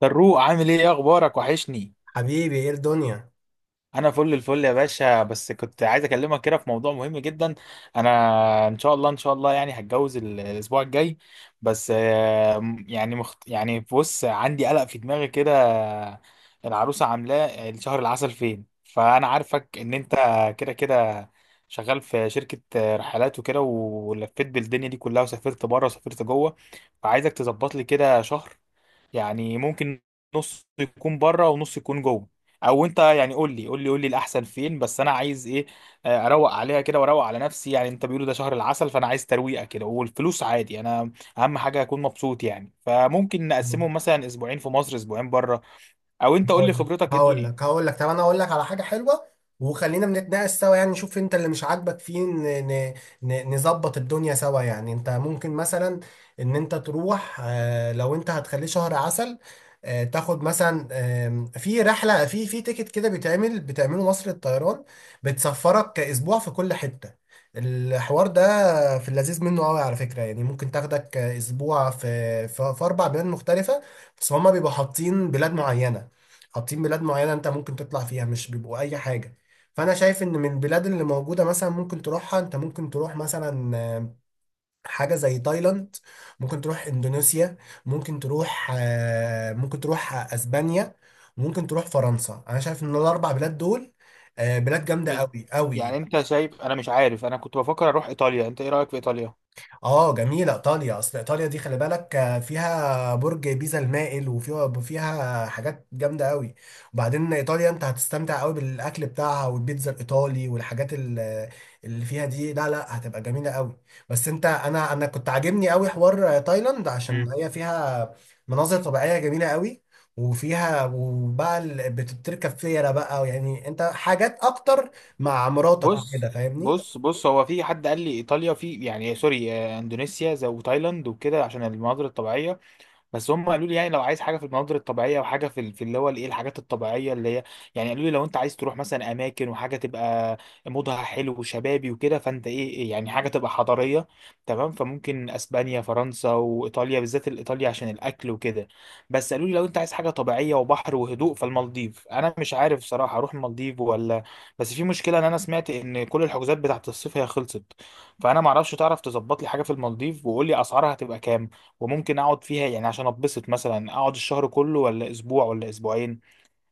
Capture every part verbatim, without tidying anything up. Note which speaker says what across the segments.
Speaker 1: فاروق عامل ايه؟ إيه اخبارك؟ وحشني.
Speaker 2: حبيبي، ايه الدنيا؟
Speaker 1: انا فل الفل يا باشا، بس كنت عايز اكلمك كده في موضوع مهم جدا. انا ان شاء الله ان شاء الله يعني هتجوز ال- الاسبوع الجاي. بس آه، م- يعني مخت... يعني بص، عندي قلق في دماغي كده. العروسه عاملاه الشهر العسل فين؟ فانا عارفك ان انت كده كده شغال في شركة رحلات وكده، ولفيت بالدنيا دي كلها وسافرت بره وسافرت جوه. فعايزك تظبط لي كده شهر، يعني ممكن نص يكون بره ونص يكون جوه، او انت يعني قول لي قول لي قول لي الاحسن فين. بس انا عايز ايه؟ آه، اروق عليها كده واروق على نفسي. يعني انت، بيقولوا ده شهر العسل، فانا عايز ترويقه كده. والفلوس عادي، انا اهم حاجه اكون مبسوط. يعني فممكن نقسمهم مثلا اسبوعين في مصر اسبوعين بره، او انت قول لي
Speaker 2: هقول لك
Speaker 1: خبرتك ايه
Speaker 2: هقول
Speaker 1: الدنيا.
Speaker 2: لك هقول لك طب انا اقول لك على حاجه حلوه، وخلينا بنتناقش سوا. يعني نشوف انت اللي مش عاجبك فيه، ن- ن- ن- نظبط الدنيا سوا. يعني انت ممكن مثلا ان انت تروح، آه، لو انت هتخليه شهر عسل، آه، تاخد مثلا آم، في رحله، في في تيكت كده بيتعمل بتعمله مصر الطيران، بتسفرك اسبوع في كل حته. الحوار ده في اللذيذ منه قوي على فكره، يعني ممكن تاخدك اسبوع في في في اربع بلاد مختلفه. بس هما بيبقوا حاطين بلاد معينه حاطين بلاد معينة انت ممكن تطلع فيها، مش بيبقوا اي حاجة. فانا شايف ان من البلاد اللي موجودة مثلا ممكن تروحها. انت ممكن تروح مثلا آه، حاجة زي تايلاند، ممكن تروح اندونيسيا، ممكن تروح آه، ممكن تروح اسبانيا، ممكن تروح فرنسا. انا شايف ان الاربع بلاد دول آه، بلاد جامدة
Speaker 1: مش-
Speaker 2: قوي
Speaker 1: يعني
Speaker 2: قوي.
Speaker 1: انت شايف؟ انا مش عارف، انا كنت بفكر اروح ايطاليا. انت ايه رايك في ايطاليا؟
Speaker 2: اه، جميلة ايطاليا. اصل ايطاليا دي خلي بالك، آه، فيها برج بيزا المائل، وفيها فيها حاجات جامدة قوي. وبعدين ايطاليا انت هتستمتع قوي بالاكل بتاعها والبيتزا الايطالي والحاجات ال- اللي فيها دي، لا لا، هتبقى جميلة قوي. بس انت انا انا كنت عاجبني قوي حوار آه، تايلاند، عشان هي فيها مناظر طبيعية جميلة قوي، وفيها وبقى ال- بتركب فيرة بقى، يعني انت حاجات اكتر مع مراتك وكده،
Speaker 1: بص
Speaker 2: فاهمني؟
Speaker 1: بص بص هو في حد قال لي ايطاليا، في يعني سوري، آه، اندونيسيا زي وتايلاند وكده عشان المناظر الطبيعيه. بس هم قالوا لي يعني لو عايز حاجه في المناظر الطبيعيه، وحاجه في ال- في اللي هو الايه، الحاجات الطبيعيه اللي هي يعني، قالوا لي لو انت عايز تروح مثلا اماكن وحاجه تبقى مودها حلو وشبابي وكده، فانت ايه؟ إيه يعني حاجه تبقى حضاريه، تمام؟ فممكن اسبانيا، فرنسا، وايطاليا، بالذات الايطاليا عشان الاكل وكده. بس قالوا لي لو انت عايز حاجه طبيعيه وبحر وهدوء فالمالديف. انا مش عارف صراحه اروح المالديف ولا. بس في مشكله ان انا سمعت ان كل الحجوزات بتاعت الصيف هي خلصت. فانا معرفش، تعرف تظبط لي حاجه في المالديف، وقول لي اسعارها هتبقى كام، وممكن اقعد فيها يعني عشان اتبسط، مثلا اقعد الشهر كله ولا اسبوع ولا اسبوعين؟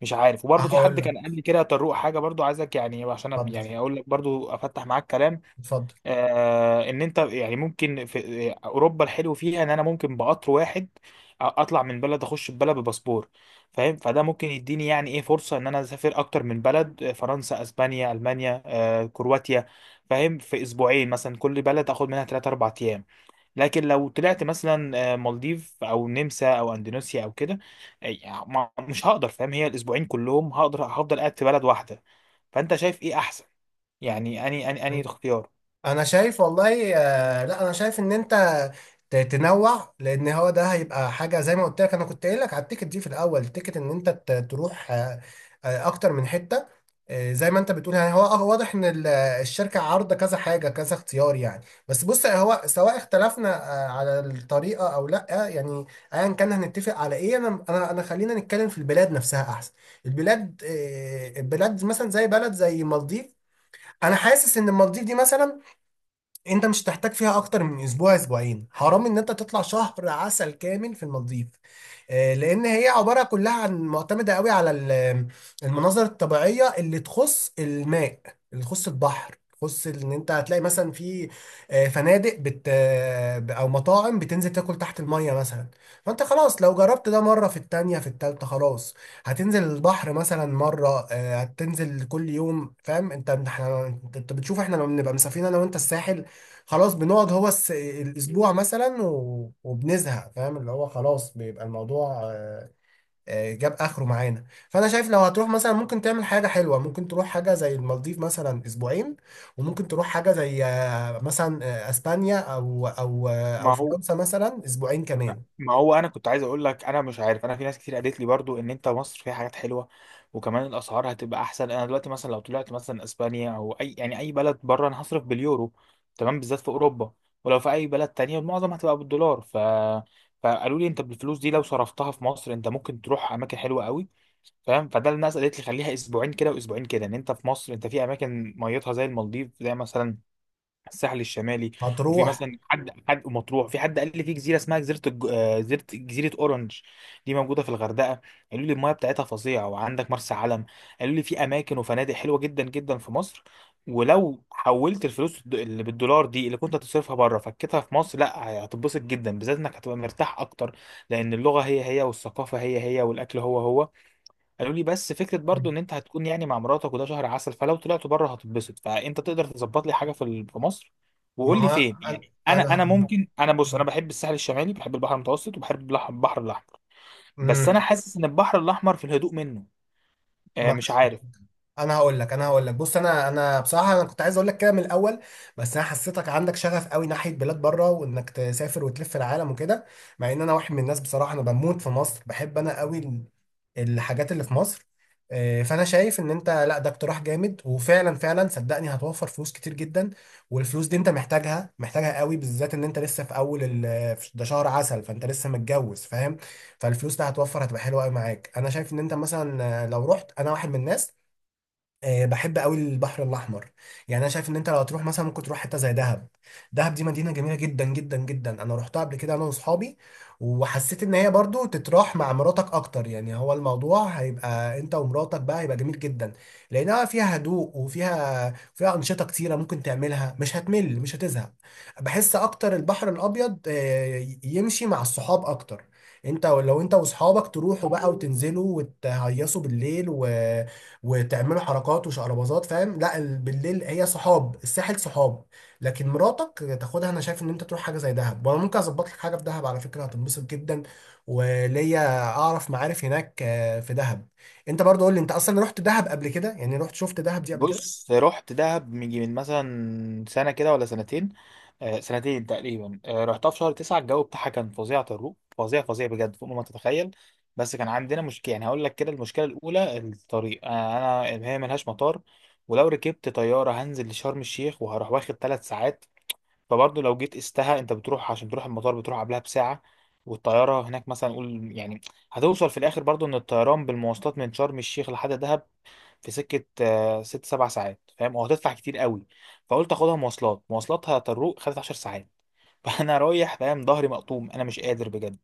Speaker 1: مش عارف. وبرضه في
Speaker 2: هقول
Speaker 1: حد كان
Speaker 2: لك.
Speaker 1: قال لي كده طروق حاجه برضه، عايزك يعني عشان أب-
Speaker 2: اتفضل،
Speaker 1: يعني اقول لك، برضه افتح معاك كلام.
Speaker 2: اتفضل.
Speaker 1: آه، ان انت يعني ممكن في آه، اوروبا الحلو فيها ان انا ممكن بقطر واحد أ- اطلع من بلد اخش ببلد بباسبور، فاهم؟ فده ممكن يديني يعني ايه، فرصه ان انا اسافر اكتر من بلد. آه، فرنسا، اسبانيا، المانيا، آه، كرواتيا، فاهم؟ في اسبوعين مثلا، كل بلد اخد منها ثلاثة اربعة ايام. لكن لو طلعت مثلا آه، مالديف او نمسا او اندونيسيا او كده، آه، يعني ما- مش هقدر، فاهم؟ هي الاسبوعين كلهم هقدر هفضل قاعد في بلد واحده. فانت شايف ايه احسن؟ يعني اني اني اني الاختيار.
Speaker 2: انا شايف والله، آه، لا، انا شايف ان انت ت- تنوع، لان هو ده هيبقى حاجه زي ما قلت لك. انا كنت قايل لك على التيكت دي في الاول، التيكت ان انت ت- تروح آه، آه، اكتر من حته، آه، زي ما انت بتقول، يعني هو آه، واضح ان ال- الشركه عارضه كذا حاجه، كذا اختيار يعني. بس بص، هو سواء اختلفنا آه، على الطريقه او لا، يعني ايا كان هنتفق على ايه. انا انا انا خلينا نتكلم في البلاد نفسها احسن. البلاد آه، البلاد مثلا زي بلد زي المالديف. انا حاسس ان المالديف دي مثلا انت مش هتحتاج فيها اكتر من اسبوع، اسبوعين. حرام ان انت تطلع شهر عسل كامل في المالديف، آه، لان هي عباره كلها عن معتمده قوي على ال- المناظر الطبيعيه اللي تخص الماء، اللي تخص البحر، تخص ان انت هتلاقي مثلا في آه، فنادق، بت آه، او مطاعم بتنزل تاكل تحت الميه مثلا. فانت خلاص، لو جربت ده مره، في التانية، في التالتة خلاص، هتنزل البحر مثلا مره، آه، هتنزل كل يوم، فاهم؟ انت احنا انت بتشوف احنا لما بنبقى مسافرين انا وانت الساحل، خلاص بنقعد هو الس... الاسبوع مثلا و... وبنزهق، فاهم؟ اللي هو خلاص بيبقى الموضوع آه، آه، جاب اخره معانا. فانا شايف لو هتروح مثلا ممكن تعمل حاجه حلوه، ممكن تروح حاجه زي المالديف مثلا اسبوعين، وممكن تروح حاجه زي آه، مثلا آه، اسبانيا او او آه، او
Speaker 1: ما هو
Speaker 2: فرنسا مثلا اسبوعين كمان،
Speaker 1: ما هو انا كنت عايز اقول لك، انا مش عارف، انا في ناس كتير قالت لي برضو ان انت مصر فيها حاجات حلوه، وكمان الاسعار هتبقى احسن. انا دلوقتي مثلا لو طلعت مثلا اسبانيا او اي يعني اي بلد بره، انا هصرف باليورو، تمام، بالذات في اوروبا. ولو في اي بلد تانية المعظم هتبقى بالدولار. ف فقالوا لي انت بالفلوس دي لو صرفتها في مصر انت ممكن تروح اماكن حلوه قوي، فاهم؟ فده الناس قالت لي خليها اسبوعين كده واسبوعين كده. ان انت في مصر، انت في اماكن ميتها زي المالديف، زي مثلا الساحل الشمالي. وفي
Speaker 2: هتروح.
Speaker 1: مثلا حد حد مطروح، في حد قال لي في جزيره اسمها جزيره الج- آه، جزيره جزيره اورنج، دي موجوده في الغردقه. قالوا لي المايه بتاعتها فظيعه. وعندك مرسى علم، قالوا لي في اماكن وفنادق حلوه جدا جدا في مصر. ولو حولت الفلوس الد- اللي بالدولار دي اللي كنت هتصرفها بره، فكتها في مصر، لا هتتبسط جدا، بالذات انك هتبقى مرتاح اكتر، لان اللغه هي هي والثقافه هي هي والاكل هو هو. قالوا لي بس فكره برضو ان انت هتكون يعني مع مراتك وده شهر عسل، فلو طلعتوا بره هتتبسط. فانت تقدر تظبط لي حاجه في ال- في مصر،
Speaker 2: ما
Speaker 1: وقول لي
Speaker 2: هو
Speaker 1: فين يعني.
Speaker 2: انا
Speaker 1: انا انا
Speaker 2: أنا-
Speaker 1: ممكن، انا بص، انا بحب الساحل الشمالي، بحب البحر المتوسط، وبحب البحر البحر الاحمر. بس انا
Speaker 2: مم.
Speaker 1: حاسس ان البحر الاحمر في الهدوء منه. آه،
Speaker 2: ما
Speaker 1: مش عارف.
Speaker 2: انا هقول لك انا هقول لك بص، انا انا بصراحه انا كنت عايز اقول لك كده من الاول، بس انا حسيتك عندك شغف قوي ناحيه بلاد بره، وانك تسافر وتلف العالم وكده، مع ان انا واحد من الناس بصراحه انا بموت في مصر، بحب انا قوي ال- الحاجات اللي في مصر. آه، فانا شايف ان انت، لا، ده اقتراح جامد، وفعلا فعلا صدقني هتوفر فلوس كتير جدا. والفلوس دي انت محتاجها محتاجها قوي، بالذات ان انت لسه في اول ال- في- ده شهر عسل، فانت لسه متجوز، فاهم؟ فالفلوس ده هتوفر، هتبقى حلوه قوي معاك. انا شايف ان انت مثلا آه، لو رحت، انا واحد من الناس آه، بحب قوي البحر الاحمر. يعني انا شايف ان انت لو هتروح مثلا ممكن تروح حته زي دهب. دهب دي مدينه جميله جدا جدا جدا، انا روحتها قبل كده انا واصحابي، وحسيت ان هي برضو تتراح مع مراتك اكتر، يعني هو الموضوع هيبقى انت ومراتك بقى، هيبقى جميل جدا، لانها فيها هدوء، وفيها فيها انشطه كتيره ممكن تعملها، مش هتمل مش هتزهق. بحس اكتر البحر الابيض آه، يمشي مع الصحاب اكتر. انت لو انت واصحابك تروحوا بقى وتنزلوا وتهيصوا بالليل و وتعملوا حركات وشقرباظات، فاهم؟ لا ال- بالليل هي صحاب، الساحل صحاب، لكن مراتك تاخدها. انا شايف ان انت تروح حاجه زي دهب، وانا ممكن اظبط لك حاجه في دهب على فكره، هتنبسط جدا، وليا اعرف معارف هناك آه، في دهب. انت برضو قول لي، انت اصلا رحت دهب قبل كده؟ يعني رحت شفت دهب دي قبل كده؟
Speaker 1: بص رحت دهب من من مثلا سنة كده ولا سنتين، آه سنتين تقريبا. آه، رحتها في شهر تسعة، الجو بتاعها كان فظيع طروق، فظيع فظيع بجد فوق ما تتخيل. بس كان عندنا مشكلة يعني، هقول لك كده. المشكلة الأولى الطريق، آه، أنا هي ملهاش مطار، ولو ركبت طيارة هنزل لشرم الشيخ وهروح واخد ثلاث ساعات. فبرضه لو جيت قستها، أنت بتروح عشان تروح المطار بتروح قبلها بساعة، والطيارة هناك مثلا قول يعني. هتوصل في الآخر برضه إن الطيران بالمواصلات من شرم الشيخ لحد دهب في سكه آه، ست سبع ساعات، فاهم؟ وهتدفع كتير قوي. فقلت اخدها مواصلات، مواصلاتها طروق خدت عشر ساعات فانا رايح فاهم، ظهري مقطوم، انا مش قادر بجد.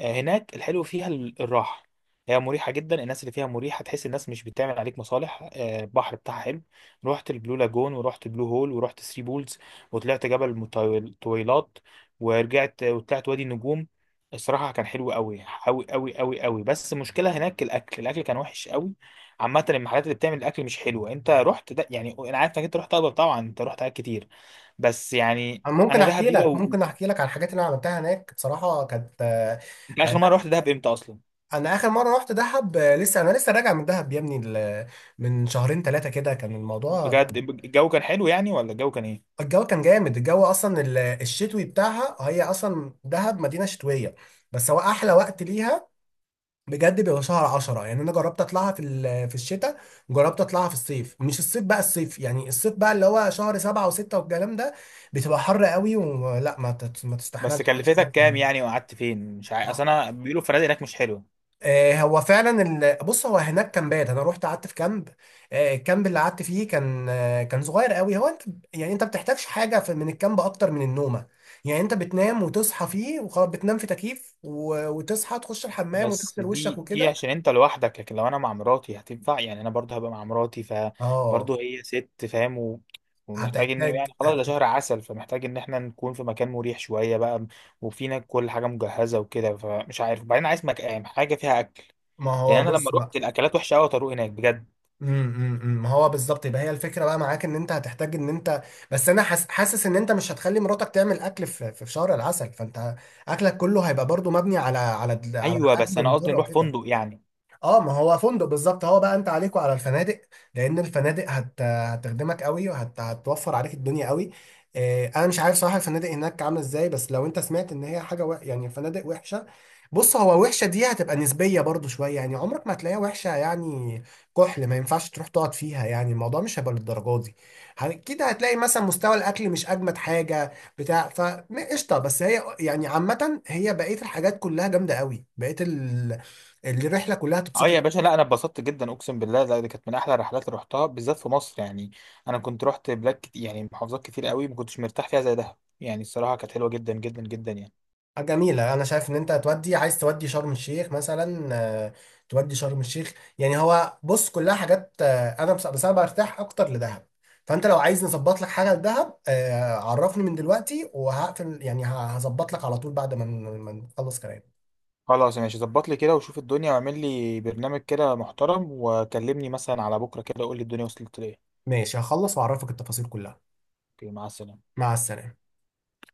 Speaker 1: آه، هناك الحلو فيها ال- الراحه، هي مريحه جدا، الناس اللي فيها مريحه، تحس الناس مش بتعمل عليك مصالح. آه، البحر بتاعها حلو، رحت البلو لاجون ورحت بلو هول ورحت ثري بولز، وطلعت جبل مطويل- طويلات، ورجعت وطلعت وادي النجوم. الصراحه كان حلو قوي قوي قوي قوي قوي. بس المشكله هناك الاكل، الاكل كان وحش قوي. عامة المحلات اللي بتعمل الأكل مش حلوة. أنت رحت ده يعني، أنا عارف إنك أنت رحت دهب، طبعا أنت رحت حاجات كتير بس يعني.
Speaker 2: أنا ممكن
Speaker 1: أنا
Speaker 2: احكي
Speaker 1: دهب دي
Speaker 2: لك،
Speaker 1: لو،
Speaker 2: ممكن احكي لك على الحاجات اللي انا عملتها هناك، بصراحه كانت آه،
Speaker 1: أنت
Speaker 2: آه،
Speaker 1: آخر مرة رحت دهب إمتى أصلا؟
Speaker 2: انا اخر مره رحت دهب، آه، لسه، انا لسه راجع من دهب يا ابني، ال- من شهرين ثلاثه كده كان الموضوع.
Speaker 1: بجد الجو كان حلو يعني ولا الجو كان إيه؟
Speaker 2: الجو كان جامد، الجو اصلا ال- الشتوي بتاعها، هي اصلا دهب مدينه شتويه، بس هو احلى وقت ليها بجد بيبقى شهر عشرة. يعني انا جربت اطلعها في ال- في الشتاء، جربت اطلعها في الصيف، مش الصيف بقى، الصيف يعني الصيف بقى اللي هو شهر سبعة وستة والكلام ده، بتبقى حر قوي، ولا ما تت- ما
Speaker 1: بس
Speaker 2: تستحملش حد
Speaker 1: كلفتك
Speaker 2: كده.
Speaker 1: كام يعني وقعدت فين؟ مش عارف، أصل أنا بيقولوا الفنادق هناك مش حلوة.
Speaker 2: آه، هو فعلا ال... بص هو هناك كامبات، انا رحت قعدت في كامب. آه، الكامب اللي قعدت فيه كان آه، كان صغير قوي. هو انت يعني انت بتحتاجش حاجه في... من الكامب اكتر من النومه. يعني انت بتنام وتصحى فيه وخلاص، بتنام في تكييف و... وتصحى تخش الحمام
Speaker 1: بس
Speaker 2: وتغسل وشك
Speaker 1: دي دي
Speaker 2: وكده.
Speaker 1: عشان انت لوحدك، لكن لو انا مع مراتي هتنفع؟ يعني انا برضه هبقى مع مراتي،
Speaker 2: اه،
Speaker 1: فبرضه هي ست، فاهم؟ و... ومحتاج ان
Speaker 2: هتحتاج
Speaker 1: يعني خلاص
Speaker 2: آه،
Speaker 1: ده شهر عسل، فمحتاج ان احنا نكون في مكان مريح شويه بقى، وفينا كل حاجه مجهزه وكده. فمش عارف. وبعدين عايز مكان حاجه فيها اكل،
Speaker 2: ما
Speaker 1: لان
Speaker 2: هو
Speaker 1: انا لما
Speaker 2: بص بقى.
Speaker 1: روحت الاكلات وحشه قوي طارق هناك بجد.
Speaker 2: امم امم، امم. ما هو بالظبط، يبقى هي الفكره بقى معاك، ان انت هتحتاج ان انت، بس انا حاس- حاسس ان انت مش هتخلي مراتك تعمل اكل في في شهر العسل، فانت اكلك كله هيبقى برضو مبني على على على
Speaker 1: ايوه
Speaker 2: اكل
Speaker 1: بس انا
Speaker 2: من
Speaker 1: قصدي
Speaker 2: بره
Speaker 1: نروح
Speaker 2: وكده.
Speaker 1: فندق يعني.
Speaker 2: اه، ما هو فندق بالظبط، هو بقى انت عليك وعلى الفنادق، لان الفنادق هت... هتخدمك قوي وهتوفر عليك الدنيا قوي. آه انا مش عارف صراحه الفنادق هناك عامله ازاي، بس لو انت سمعت ان هي حاجه، و... يعني الفنادق وحشه، بص هو وحشه دي هتبقى نسبيه برضو شويه يعني، عمرك ما هتلاقيها وحشه يعني كحل ما ينفعش تروح تقعد فيها، يعني الموضوع مش هيبقى للدرجه دي. اكيد هتلاقي مثلا مستوى الاكل مش اجمد حاجه بتاع فقشطه، بس هي يعني عامه هي بقيه الحاجات كلها جامده قوي، بقيه الرحله كلها
Speaker 1: اه يا باشا،
Speaker 2: تبسطك.
Speaker 1: لا انا اتبسطت جدا، اقسم بالله، لا دي كانت من احلى الرحلات اللي رحتها، بالذات في مصر يعني. انا كنت رحت بلاد كت... يعني محافظات كتير قوي ما كنتش مرتاح فيها زي دهب يعني. الصراحه كانت حلوه جدا جدا جدا يعني.
Speaker 2: حاجة جميله. انا شايف ان انت هتودي، عايز تودي شرم الشيخ مثلا، آه، تودي شرم الشيخ، يعني هو بص كلها حاجات آه، انا بس, بس انا برتاح اكتر لدهب. فانت لو عايز نظبط لك حاجه لدهب آه، عرفني من دلوقتي وهقفل، يعني ه- هظبط لك على طول بعد ما ن- ما نخلص كلام.
Speaker 1: خلاص ماشي، ظبط لي كده وشوف الدنيا واعمل لي برنامج كده محترم، وكلمني مثلا على بكره كده، قول لي الدنيا وصلت لايه.
Speaker 2: ماشي، هخلص واعرفك التفاصيل كلها.
Speaker 1: اوكي، مع السلامه.
Speaker 2: مع السلامه.